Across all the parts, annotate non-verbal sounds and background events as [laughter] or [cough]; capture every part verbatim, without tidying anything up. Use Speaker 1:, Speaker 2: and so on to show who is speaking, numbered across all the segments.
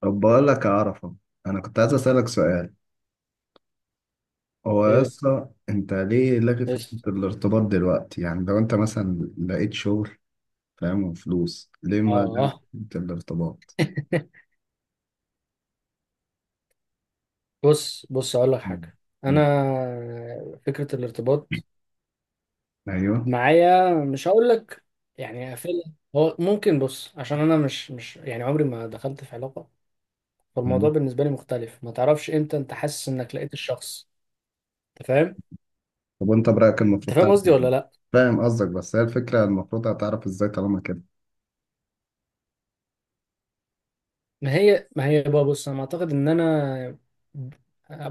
Speaker 1: طب بقول لك يا عرفة، أنا كنت عايز أسألك سؤال. هو يا
Speaker 2: ايه
Speaker 1: اسطى أنت ليه لاغي فكرة
Speaker 2: بس
Speaker 1: الارتباط دلوقتي؟ يعني لو أنت مثلا لقيت شغل، فاهم، وفلوس، ليه
Speaker 2: اه
Speaker 1: ما لغيت
Speaker 2: آه.
Speaker 1: فكرة الارتباط؟
Speaker 2: بص بص اقول لك حاجه. انا
Speaker 1: مم.
Speaker 2: فكره الارتباط
Speaker 1: أيوه.
Speaker 2: معايا، مش هقول لك يعني قافلها، هو ممكن. بص، عشان انا مش مش يعني عمري ما دخلت في علاقه، فالموضوع
Speaker 1: مم.
Speaker 2: بالنسبه لي مختلف. ما تعرفش امتى انت حاسس انك لقيت الشخص، انت فاهم؟
Speaker 1: طب وأنت برأيك
Speaker 2: انت
Speaker 1: المفروض
Speaker 2: فاهم
Speaker 1: تعرف
Speaker 2: قصدي ولا
Speaker 1: إزاي؟
Speaker 2: لا؟
Speaker 1: فاهم قصدك، بس هي الفكرة المفروض هتعرف إزاي طالما كده؟
Speaker 2: ما هي ما هي بقى، بص انا اعتقد ان انا،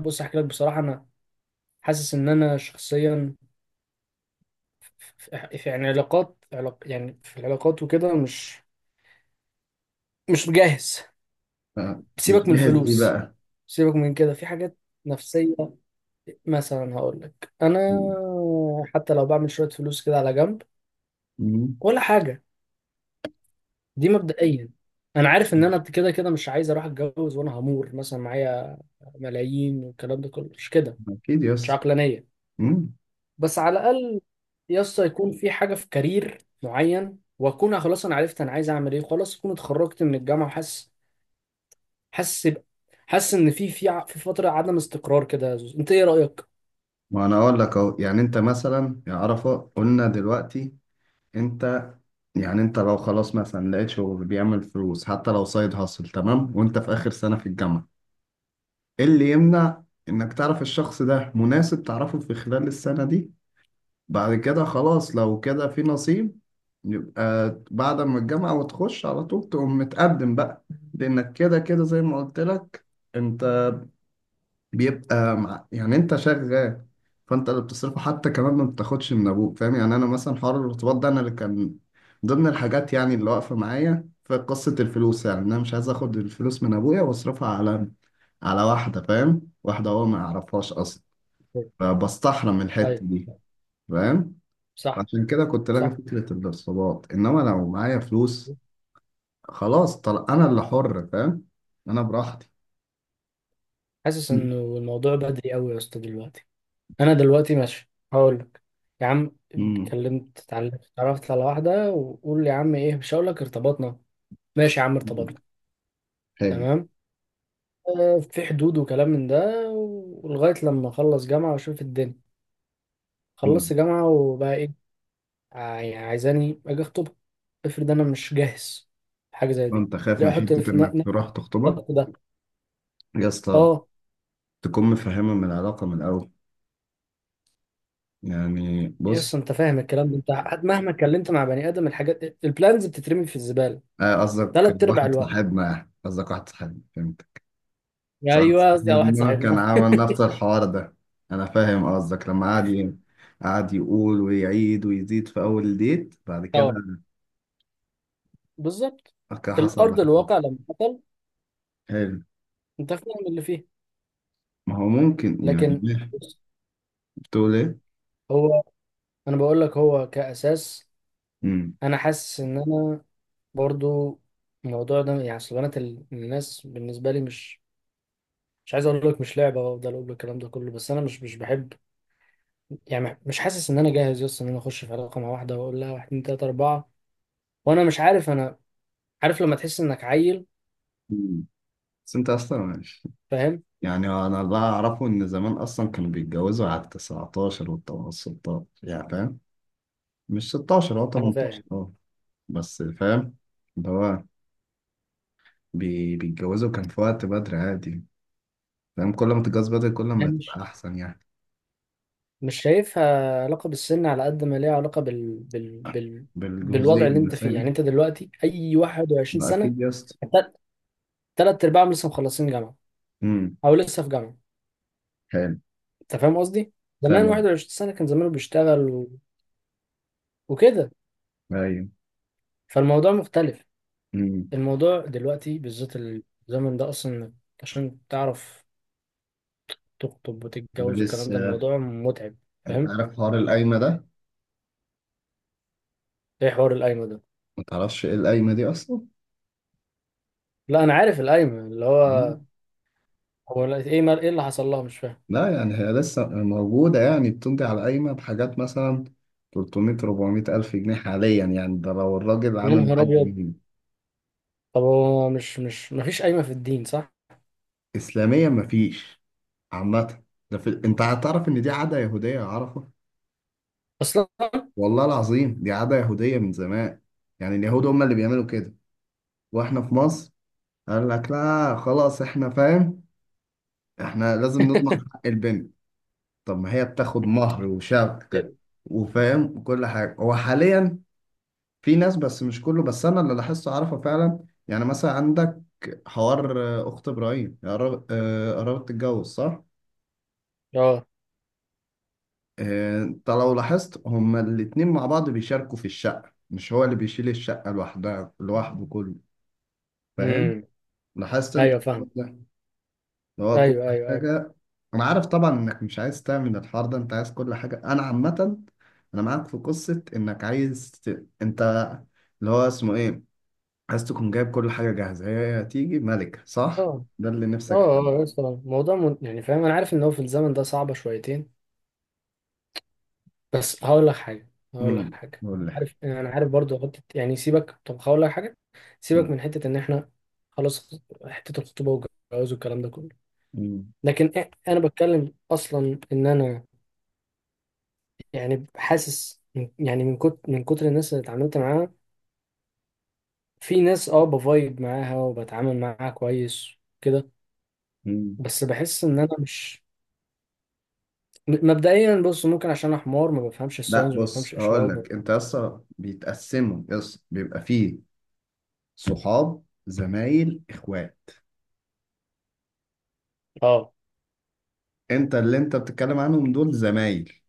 Speaker 2: بص احكي لك بصراحه، انا حاسس ان انا شخصيا في في- يعني علاقات علاق يعني في العلاقات وكده مش مش مجهز.
Speaker 1: ف- مش
Speaker 2: سيبك من
Speaker 1: جاهز إيه
Speaker 2: الفلوس،
Speaker 1: بقى؟
Speaker 2: سيبك من كده، في حاجات نفسية. مثلا هقول لك انا،
Speaker 1: مم.
Speaker 2: حتى لو بعمل شوية فلوس كده على جنب
Speaker 1: مم.
Speaker 2: ولا حاجة، دي مبدئيا انا عارف ان انا كده كده مش عايز اروح اتجوز وانا همور مثلا معايا ملايين والكلام ده كله، مش كده،
Speaker 1: أكيد يا
Speaker 2: مش
Speaker 1: اسطى.
Speaker 2: عقلانية.
Speaker 1: مم.
Speaker 2: بس على الاقل يسطا يكون في حاجة، في كارير معين، واكون خلاص انا عرفت انا عايز اعمل ايه، خلاص اكون اتخرجت من الجامعة، وحاسس حاسس ب- حاسس ان في في ع- في فتره عدم استقرار كده. يا زوز انت ايه رايك؟
Speaker 1: ما أنا أقول لك أهو، يعني أنت مثلا يا عرفة، قلنا دلوقتي أنت، يعني انت لو خلاص مثلا لقيت شغل بيعمل فلوس حتى لو سايد هاسل، تمام، وانت في اخر سنة في الجامعة، ايه اللي يمنع انك تعرف الشخص ده مناسب، تعرفه في خلال السنة دي، بعد كده خلاص لو كده في نصيب يبقى بعد ما الجامعة وتخش على طول تقوم متقدم بقى. لانك كده كده زي ما قلت لك انت بيبقى مع... يعني انت شغال، فانت اللي بتصرفه حتى كمان ما بتاخدش من ابوك، فاهم؟ يعني انا مثلا حوار الارتباط ده انا اللي كان ضمن الحاجات، يعني اللي واقفه معايا في قصه الفلوس، يعني انا مش عايز اخد الفلوس من ابويا واصرفها على على واحده، فاهم، واحده هو ما يعرفهاش اصلا، فبستحرم الحته
Speaker 2: ايوه،
Speaker 1: دي، فاهم.
Speaker 2: صح،
Speaker 1: عشان كده كنت لاغي
Speaker 2: صح.
Speaker 1: فكره الارتباط، انما لو معايا فلوس خلاص، طل... انا اللي حر، فاهم، انا براحتي.
Speaker 2: حاسس انه الموضوع بدري قوي يا اسطى دلوقتي. انا دلوقتي ماشي هقول لك، يا عم
Speaker 1: امم.
Speaker 2: اتكلمت اتعلمت اتعرفت على واحده وقول لي يا عم ايه، مش هقول لك ارتبطنا، ماشي يا عم ارتبطنا،
Speaker 1: حلو.
Speaker 2: تمام، آه، في حدود وكلام من ده، ولغايه لما اخلص جامعه واشوف الدنيا. خلصت جامعه وبقى ايه؟ ع- يعني عايزاني اجي اخطبها؟ افرض انا مش جاهز، حاجه زي دي.
Speaker 1: انت خايف
Speaker 2: ليه
Speaker 1: من
Speaker 2: احط
Speaker 1: حتة
Speaker 2: في ن-
Speaker 1: انك
Speaker 2: نفس
Speaker 1: تروح تخطبها
Speaker 2: الضغط ده؟
Speaker 1: يا اسطى،
Speaker 2: اه.
Speaker 1: تكون مفهمة من العلاقة من الاول. يعني
Speaker 2: يس،
Speaker 1: بص،
Speaker 2: انت فاهم الكلام ده، انت ه- مهما اتكلمت مع بني ادم الحاجات البلانز بتترمي في الزباله
Speaker 1: آه، قصدك
Speaker 2: ثلاث ارباع
Speaker 1: واحد
Speaker 2: الوقت.
Speaker 1: صاحبنا يعني. قصدك واحد صاحبنا، فهمت.
Speaker 2: يا
Speaker 1: صاحب
Speaker 2: ايوه، قصدي على واحد
Speaker 1: صاحبنا كان
Speaker 2: صاحبنا.
Speaker 1: عامل نفس الحوار ده. انا فاهم قصدك، لما قعد ي- قعد يقول ويعيد ويزيد في اول ديت بعد
Speaker 2: [laughs]
Speaker 1: كده.
Speaker 2: اه، بالظبط.
Speaker 1: أوكي،
Speaker 2: في
Speaker 1: حصل اللي
Speaker 2: الارض
Speaker 1: حصل.
Speaker 2: الواقع لما حصل،
Speaker 1: حلو.
Speaker 2: انت فاهم اللي فيه.
Speaker 1: ما هو ممكن، يعني
Speaker 2: لكن
Speaker 1: ليه؟
Speaker 2: بص،
Speaker 1: بتقول ايه؟
Speaker 2: هو، انا بقول لك هو كاساس
Speaker 1: امم.
Speaker 2: انا حاسس ان انا برضو، الموضوع ده يعني، اصل بنات ال- الناس بالنسبه لي مش، مش عايز اقول لك مش لعبه وافضل اقول لك الكلام ده كله، بس انا مش مش بحب، يعني مش حاسس ان انا جاهز يس ان انا اخش في علاقه مع واحده واقول لها واحد اتنين تلاته اربعه وانا مش عارف انا. عارف لما تحس انك عيل؟
Speaker 1: بس انت اصلا ماشي،
Speaker 2: فاهم؟
Speaker 1: يعني انا اللي اعرفه ان زمان اصلا كانوا بيتجوزوا على ال تسعتاشر وال ستاشر، يعني فاهم، مش ستاشر، هو
Speaker 2: انا
Speaker 1: تمنتاشر،
Speaker 2: فاهم
Speaker 1: اه، بس فاهم، اللي هو بي- بيتجوزوا كان في وقت بدري عادي، فاهم، كل ما تتجوز بدري كل
Speaker 2: ده
Speaker 1: ما تبقى
Speaker 2: مش،
Speaker 1: احسن يعني،
Speaker 2: مش شايفها علاقه بالسن على قد ما ليها علاقه بال بال بال
Speaker 1: بالجهوزية
Speaker 2: بالوضع اللي انت فيه.
Speaker 1: النسائية.
Speaker 2: يعني انت دلوقتي اي واحد وعشرين
Speaker 1: ما
Speaker 2: سنه،
Speaker 1: اكيد يا اسطى.
Speaker 2: تل- تلات ارباعهم لسه مخلصين جامعه
Speaker 1: امم.
Speaker 2: او لسه في جامعه.
Speaker 1: حلو.
Speaker 2: انت فاهم قصدي؟ زمان
Speaker 1: فاهم.
Speaker 2: واحد وعشرين سنه كان زمانه بيشتغل و... وكده،
Speaker 1: ايوه.
Speaker 2: فالموضوع مختلف.
Speaker 1: امم.
Speaker 2: الموضوع دلوقتي بالذات الزمن ده اصلا، عشان تعرف تخطب وتتجوز والكلام ده،
Speaker 1: ولسه،
Speaker 2: الموضوع متعب.
Speaker 1: انت
Speaker 2: فاهم؟
Speaker 1: عارف حوار القايمة ده؟
Speaker 2: ايه حوار القايمه ده؟
Speaker 1: ما تعرفش ايه القايمة دي اصلا؟
Speaker 2: لا انا عارف القايمه، اللي هو،
Speaker 1: إمم.
Speaker 2: هو لا- ايه مال، ايه اللي حصل لها، مش فاهم.
Speaker 1: لا يعني هي لسه موجودة، يعني بتمضي على قايمة بحاجات مثلا تلتميه أربعمئة ألف جنيه حاليا، يعني ده لو الراجل
Speaker 2: يا
Speaker 1: عامل
Speaker 2: نهار
Speaker 1: معاك
Speaker 2: ابيض.
Speaker 1: جنيه.
Speaker 2: طب هو مش مش مفيش قايمه في الدين صح؟
Speaker 1: إسلاميا مفيش، عامة. ده في... أنت هتعرف إن دي عادة يهودية يا عرفة،
Speaker 2: اصلا.
Speaker 1: والله العظيم دي عادة يهودية من زمان، يعني اليهود هم اللي بيعملوا كده وإحنا في مصر، قال لك لا خلاص، إحنا فاهم، إحنا لازم نضمن
Speaker 2: [laughs]
Speaker 1: حق البنت. طب ما هي بتاخد مهر وشبكة وفاهم وكل حاجة. هو حاليا في ناس، بس مش كله، بس انا اللي لاحظته عارفه فعلا، يعني مثلا عندك حوار، آه، اخت ابراهيم يا رب- آه، قربت تتجوز، صح.
Speaker 2: اه.
Speaker 1: آه، انت لو لاحظت هما الاتنين مع بعض بيشاركوا في الشقه، مش هو اللي بيشيل الشقه لوحدها لوحده كله، فاهم،
Speaker 2: امم.
Speaker 1: لاحظت انت
Speaker 2: ايوه
Speaker 1: الحوار
Speaker 2: فاهم.
Speaker 1: ده اللي هو كل
Speaker 2: ايوه ايوه ايوه.
Speaker 1: حاجه. انا عارف طبعا انك مش عايز تعمل الحوار ده، انت عايز كل حاجه انا عامه، انا معاك في قصه انك عايز ت- انت اللي هو اسمه ايه، عايز تكون جايب كل حاجة جاهزة، هي هتيجي ملكة، صح؟
Speaker 2: اه
Speaker 1: ده اللي نفسك
Speaker 2: اه. اه
Speaker 1: فيه.
Speaker 2: يا اسطى، الموضوع من... يعني فاهم، انا عارف ان هو في الزمن ده صعبه شويتين، بس هقول لك حاجه، هقول
Speaker 1: امم.
Speaker 2: لك حاجه.
Speaker 1: قول لي حاجة.
Speaker 2: عارف، انا عارف برضو حته، يعني سيبك، طب هقول لك حاجه، سيبك
Speaker 1: مم.
Speaker 2: من حته ان احنا خلاص حته الخطوبه والجواز والكلام ده كله.
Speaker 1: مم.
Speaker 2: لكن إ- انا بتكلم اصلا ان انا يعني حاسس من- يعني من كتر من كتر الناس اللي اتعاملت معاها، في ناس اه بفايب معاها وبتعامل معاها كويس كده،
Speaker 1: مم.
Speaker 2: بس بحس ان انا مش، م- مبدئيا بص، ممكن عشان انا حمار ما بفهمش
Speaker 1: لا
Speaker 2: الساينز، ما
Speaker 1: بص
Speaker 2: بفهمش
Speaker 1: هقول
Speaker 2: اشارات ما...
Speaker 1: لك انت اصلا بيتقسموا، يس بيبقى فيه صحاب، زمايل، اخوات.
Speaker 2: اه
Speaker 1: انت اللي انت بتتكلم عنهم دول زمايل،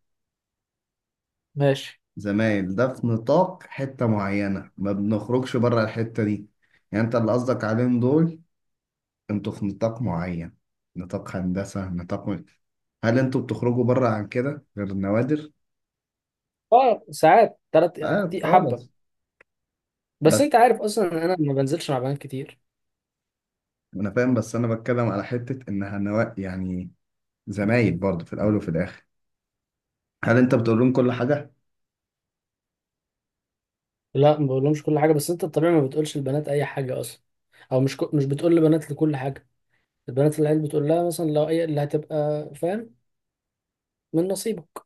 Speaker 2: ماشي.
Speaker 1: زمايل ده في نطاق حتة معينة ما بنخرجش بره الحتة دي، يعني انت اللي قصدك عليهم دول انتوا في نطاق معين، نطاق هندسة، نطاق. هل انتوا بتخرجوا بره عن كده غير النوادر؟
Speaker 2: اه ساعات ثلاث
Speaker 1: اه اه،
Speaker 2: حبه.
Speaker 1: بس.
Speaker 2: بس
Speaker 1: بس
Speaker 2: انت عارف اصلا ان انا ما بنزلش مع بنات كتير.
Speaker 1: انا فاهم، بس انا بتكلم على حته انها نوا يعني، زمايل برضه في الاول وفي الاخر. هل انت بتقول لهم كل حاجه؟
Speaker 2: لا ما بقولهمش كل حاجه، بس انت الطبيعي ما بتقولش البنات اي حاجه اصلا، او مش ك... مش بتقول لبنات لكل حاجه. البنات اللي عيل بتقول لها مثلا لو اي اللي هتبقى، فاهم، من نصيبك.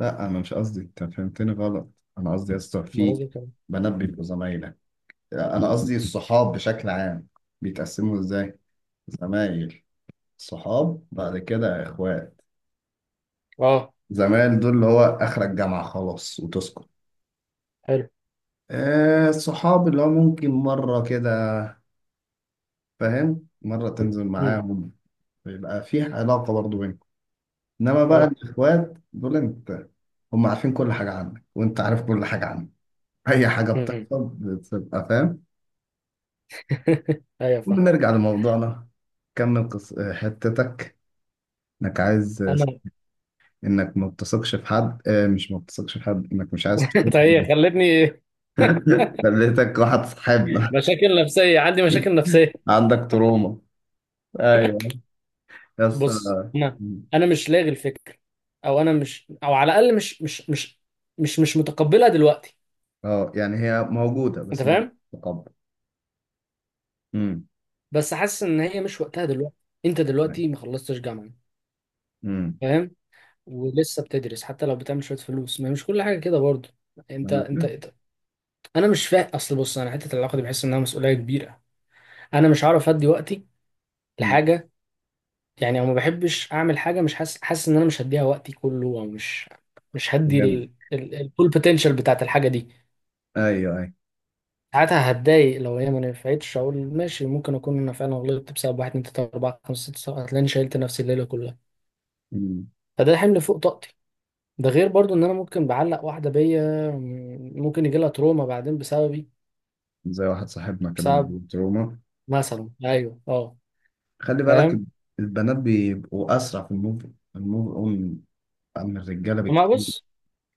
Speaker 1: لا انا مش قصدي، انت فهمتني غلط، انا قصدي يا اسطى
Speaker 2: مرة
Speaker 1: في
Speaker 2: زي كده.
Speaker 1: بنات بيبقوا زمايلك، انا قصدي الصحاب بشكل عام بيتقسموا ازاي. زمايل، صحاب، بعد كده اخوات.
Speaker 2: اه.
Speaker 1: زمايل دول اللي هو اخر الجامعه خلاص وتسكت.
Speaker 2: حلو.
Speaker 1: آه الصحاب اللي هو ممكن مره كده، فاهم، مره تنزل
Speaker 2: امم.
Speaker 1: معاهم، يبقى في علاقه برضه بينهم. انما بقى
Speaker 2: اه.
Speaker 1: الاخوات دول انت، هم عارفين كل حاجه عنك وانت عارف كل حاجه عنك، اي حاجه
Speaker 2: امم.
Speaker 1: بتحصل بتبقى فاهم.
Speaker 2: [laughs] ايوه فاهم.
Speaker 1: وبنرجع لموضوعنا. كمل قص... حتتك، انك عايز،
Speaker 2: انا.
Speaker 1: انك ما بتثقش في حد، اه مش ما بتثقش في حد، انك مش عايز
Speaker 2: [laughs]
Speaker 1: تقول.
Speaker 2: انت هي خلتني
Speaker 1: [laughs] خليتك واحد صاحبنا.
Speaker 2: مشاكل نفسيه، عندي مشاكل نفسيه.
Speaker 1: عندك تروما. ايوه، بس.
Speaker 2: بص انا، انا مش لاغي الفكر، او انا مش، او على الاقل مش مش مش مش مش متقبلها دلوقتي.
Speaker 1: اه يعني هي موجوده
Speaker 2: انت
Speaker 1: بس مش
Speaker 2: فاهم؟
Speaker 1: متقبل. امم.
Speaker 2: بس حاسس ان هي مش وقتها دلوقتي. انت دلوقتي ما خلصتش جامعه،
Speaker 1: امم.
Speaker 2: فاهم، ولسه بتدرس، حتى لو بتعمل شويه فلوس ما، مش كل حاجه كده برضه. انت
Speaker 1: انا
Speaker 2: انت
Speaker 1: فاهم.
Speaker 2: انت- انا مش فاهم اصل، بص انا حته العلاقه دي بحس انها مسؤوليه كبيره. انا مش هعرف ادي وقتي
Speaker 1: أمم.
Speaker 2: لحاجه يعني، او ما بحبش اعمل حاجه مش حاسس، حاسس ان انا مش هديها وقتي كله، او مش، مش هدي
Speaker 1: فهمت.
Speaker 2: ال- ال- الفول بوتنشال بتاعت الحاجه دي.
Speaker 1: ايوه.
Speaker 2: ساعتها هتضايق لو هي ما نفعتش، اقول ماشي ممكن اكون انا فعلا غلطت، بسبب واحد اتنين تلاته اربعه خمسه سته سبعه هتلاقيني شيلت نفسي الليله كلها،
Speaker 1: ايوه.
Speaker 2: فده حمل فوق طاقتي. ده غير برضو ان انا ممكن بعلق واحده بيا، م- ممكن يجي لها تروما بعدين بسببي،
Speaker 1: زي واحد صاحبنا كده
Speaker 2: بسبب،
Speaker 1: مضروب تروما.
Speaker 2: مثلا، ايوه اه.
Speaker 1: خلي بالك،
Speaker 2: فاهم.
Speaker 1: البنات بيبقوا أسرع في الموف، الموف أون، عن الرجالة
Speaker 2: ما
Speaker 1: بكتير،
Speaker 2: بص،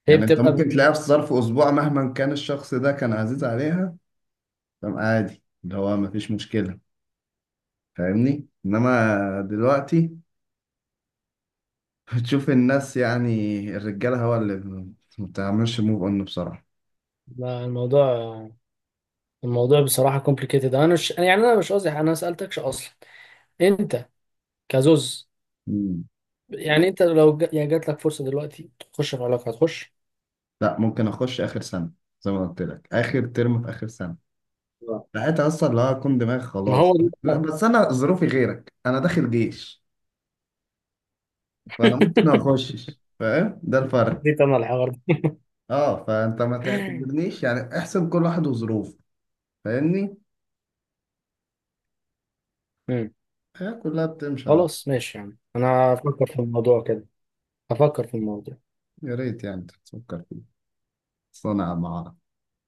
Speaker 2: هي
Speaker 1: يعني أنت
Speaker 2: بتبقى ب...
Speaker 1: ممكن
Speaker 2: ب-
Speaker 1: تلاقيها في ظرف أسبوع مهما كان الشخص ده كان عزيز عليها، تمام، عادي اللي هو مفيش مشكلة، فاهمني؟ إنما دلوقتي بتشوف الناس، يعني الرجالة هو اللي ما بتعملش موف أون بسرعة.
Speaker 2: الموضوع، الموضوع بصراحه كومبليكيتد. انا مش يعني، انا مش قصدي، انا ما سالتكش اصلا انت كزوز،
Speaker 1: مم.
Speaker 2: يعني انت لو ج... يعني جات لك فرصه دلوقتي تخش في علاقه هتخش؟
Speaker 1: لا ممكن أخش آخر سنة، زي ما قلت لك، آخر ترم في آخر سنة،
Speaker 2: آه.
Speaker 1: ساعتها اصلا اللي هو اكون دماغ
Speaker 2: ما هو
Speaker 1: خلاص. لا،
Speaker 2: ده.
Speaker 1: بس انا ظروفي غيرك، انا داخل جيش، فانا ممكن ما
Speaker 2: [laughs]
Speaker 1: اخشش، فاهم، ده الفرق.
Speaker 2: نسيت انا الحوار ده.
Speaker 1: اه، فانت ما
Speaker 2: [laughs]
Speaker 1: تعتبرنيش، يعني احسب كل واحد وظروفه، فاهمني.
Speaker 2: مم.
Speaker 1: الحياة كلها بتمشي، اه.
Speaker 2: خلاص ماشي، يعني انا هفكر في الموضوع كده، هفكر في الموضوع.
Speaker 1: يا ريت يعني تفكر فيه. صنع مع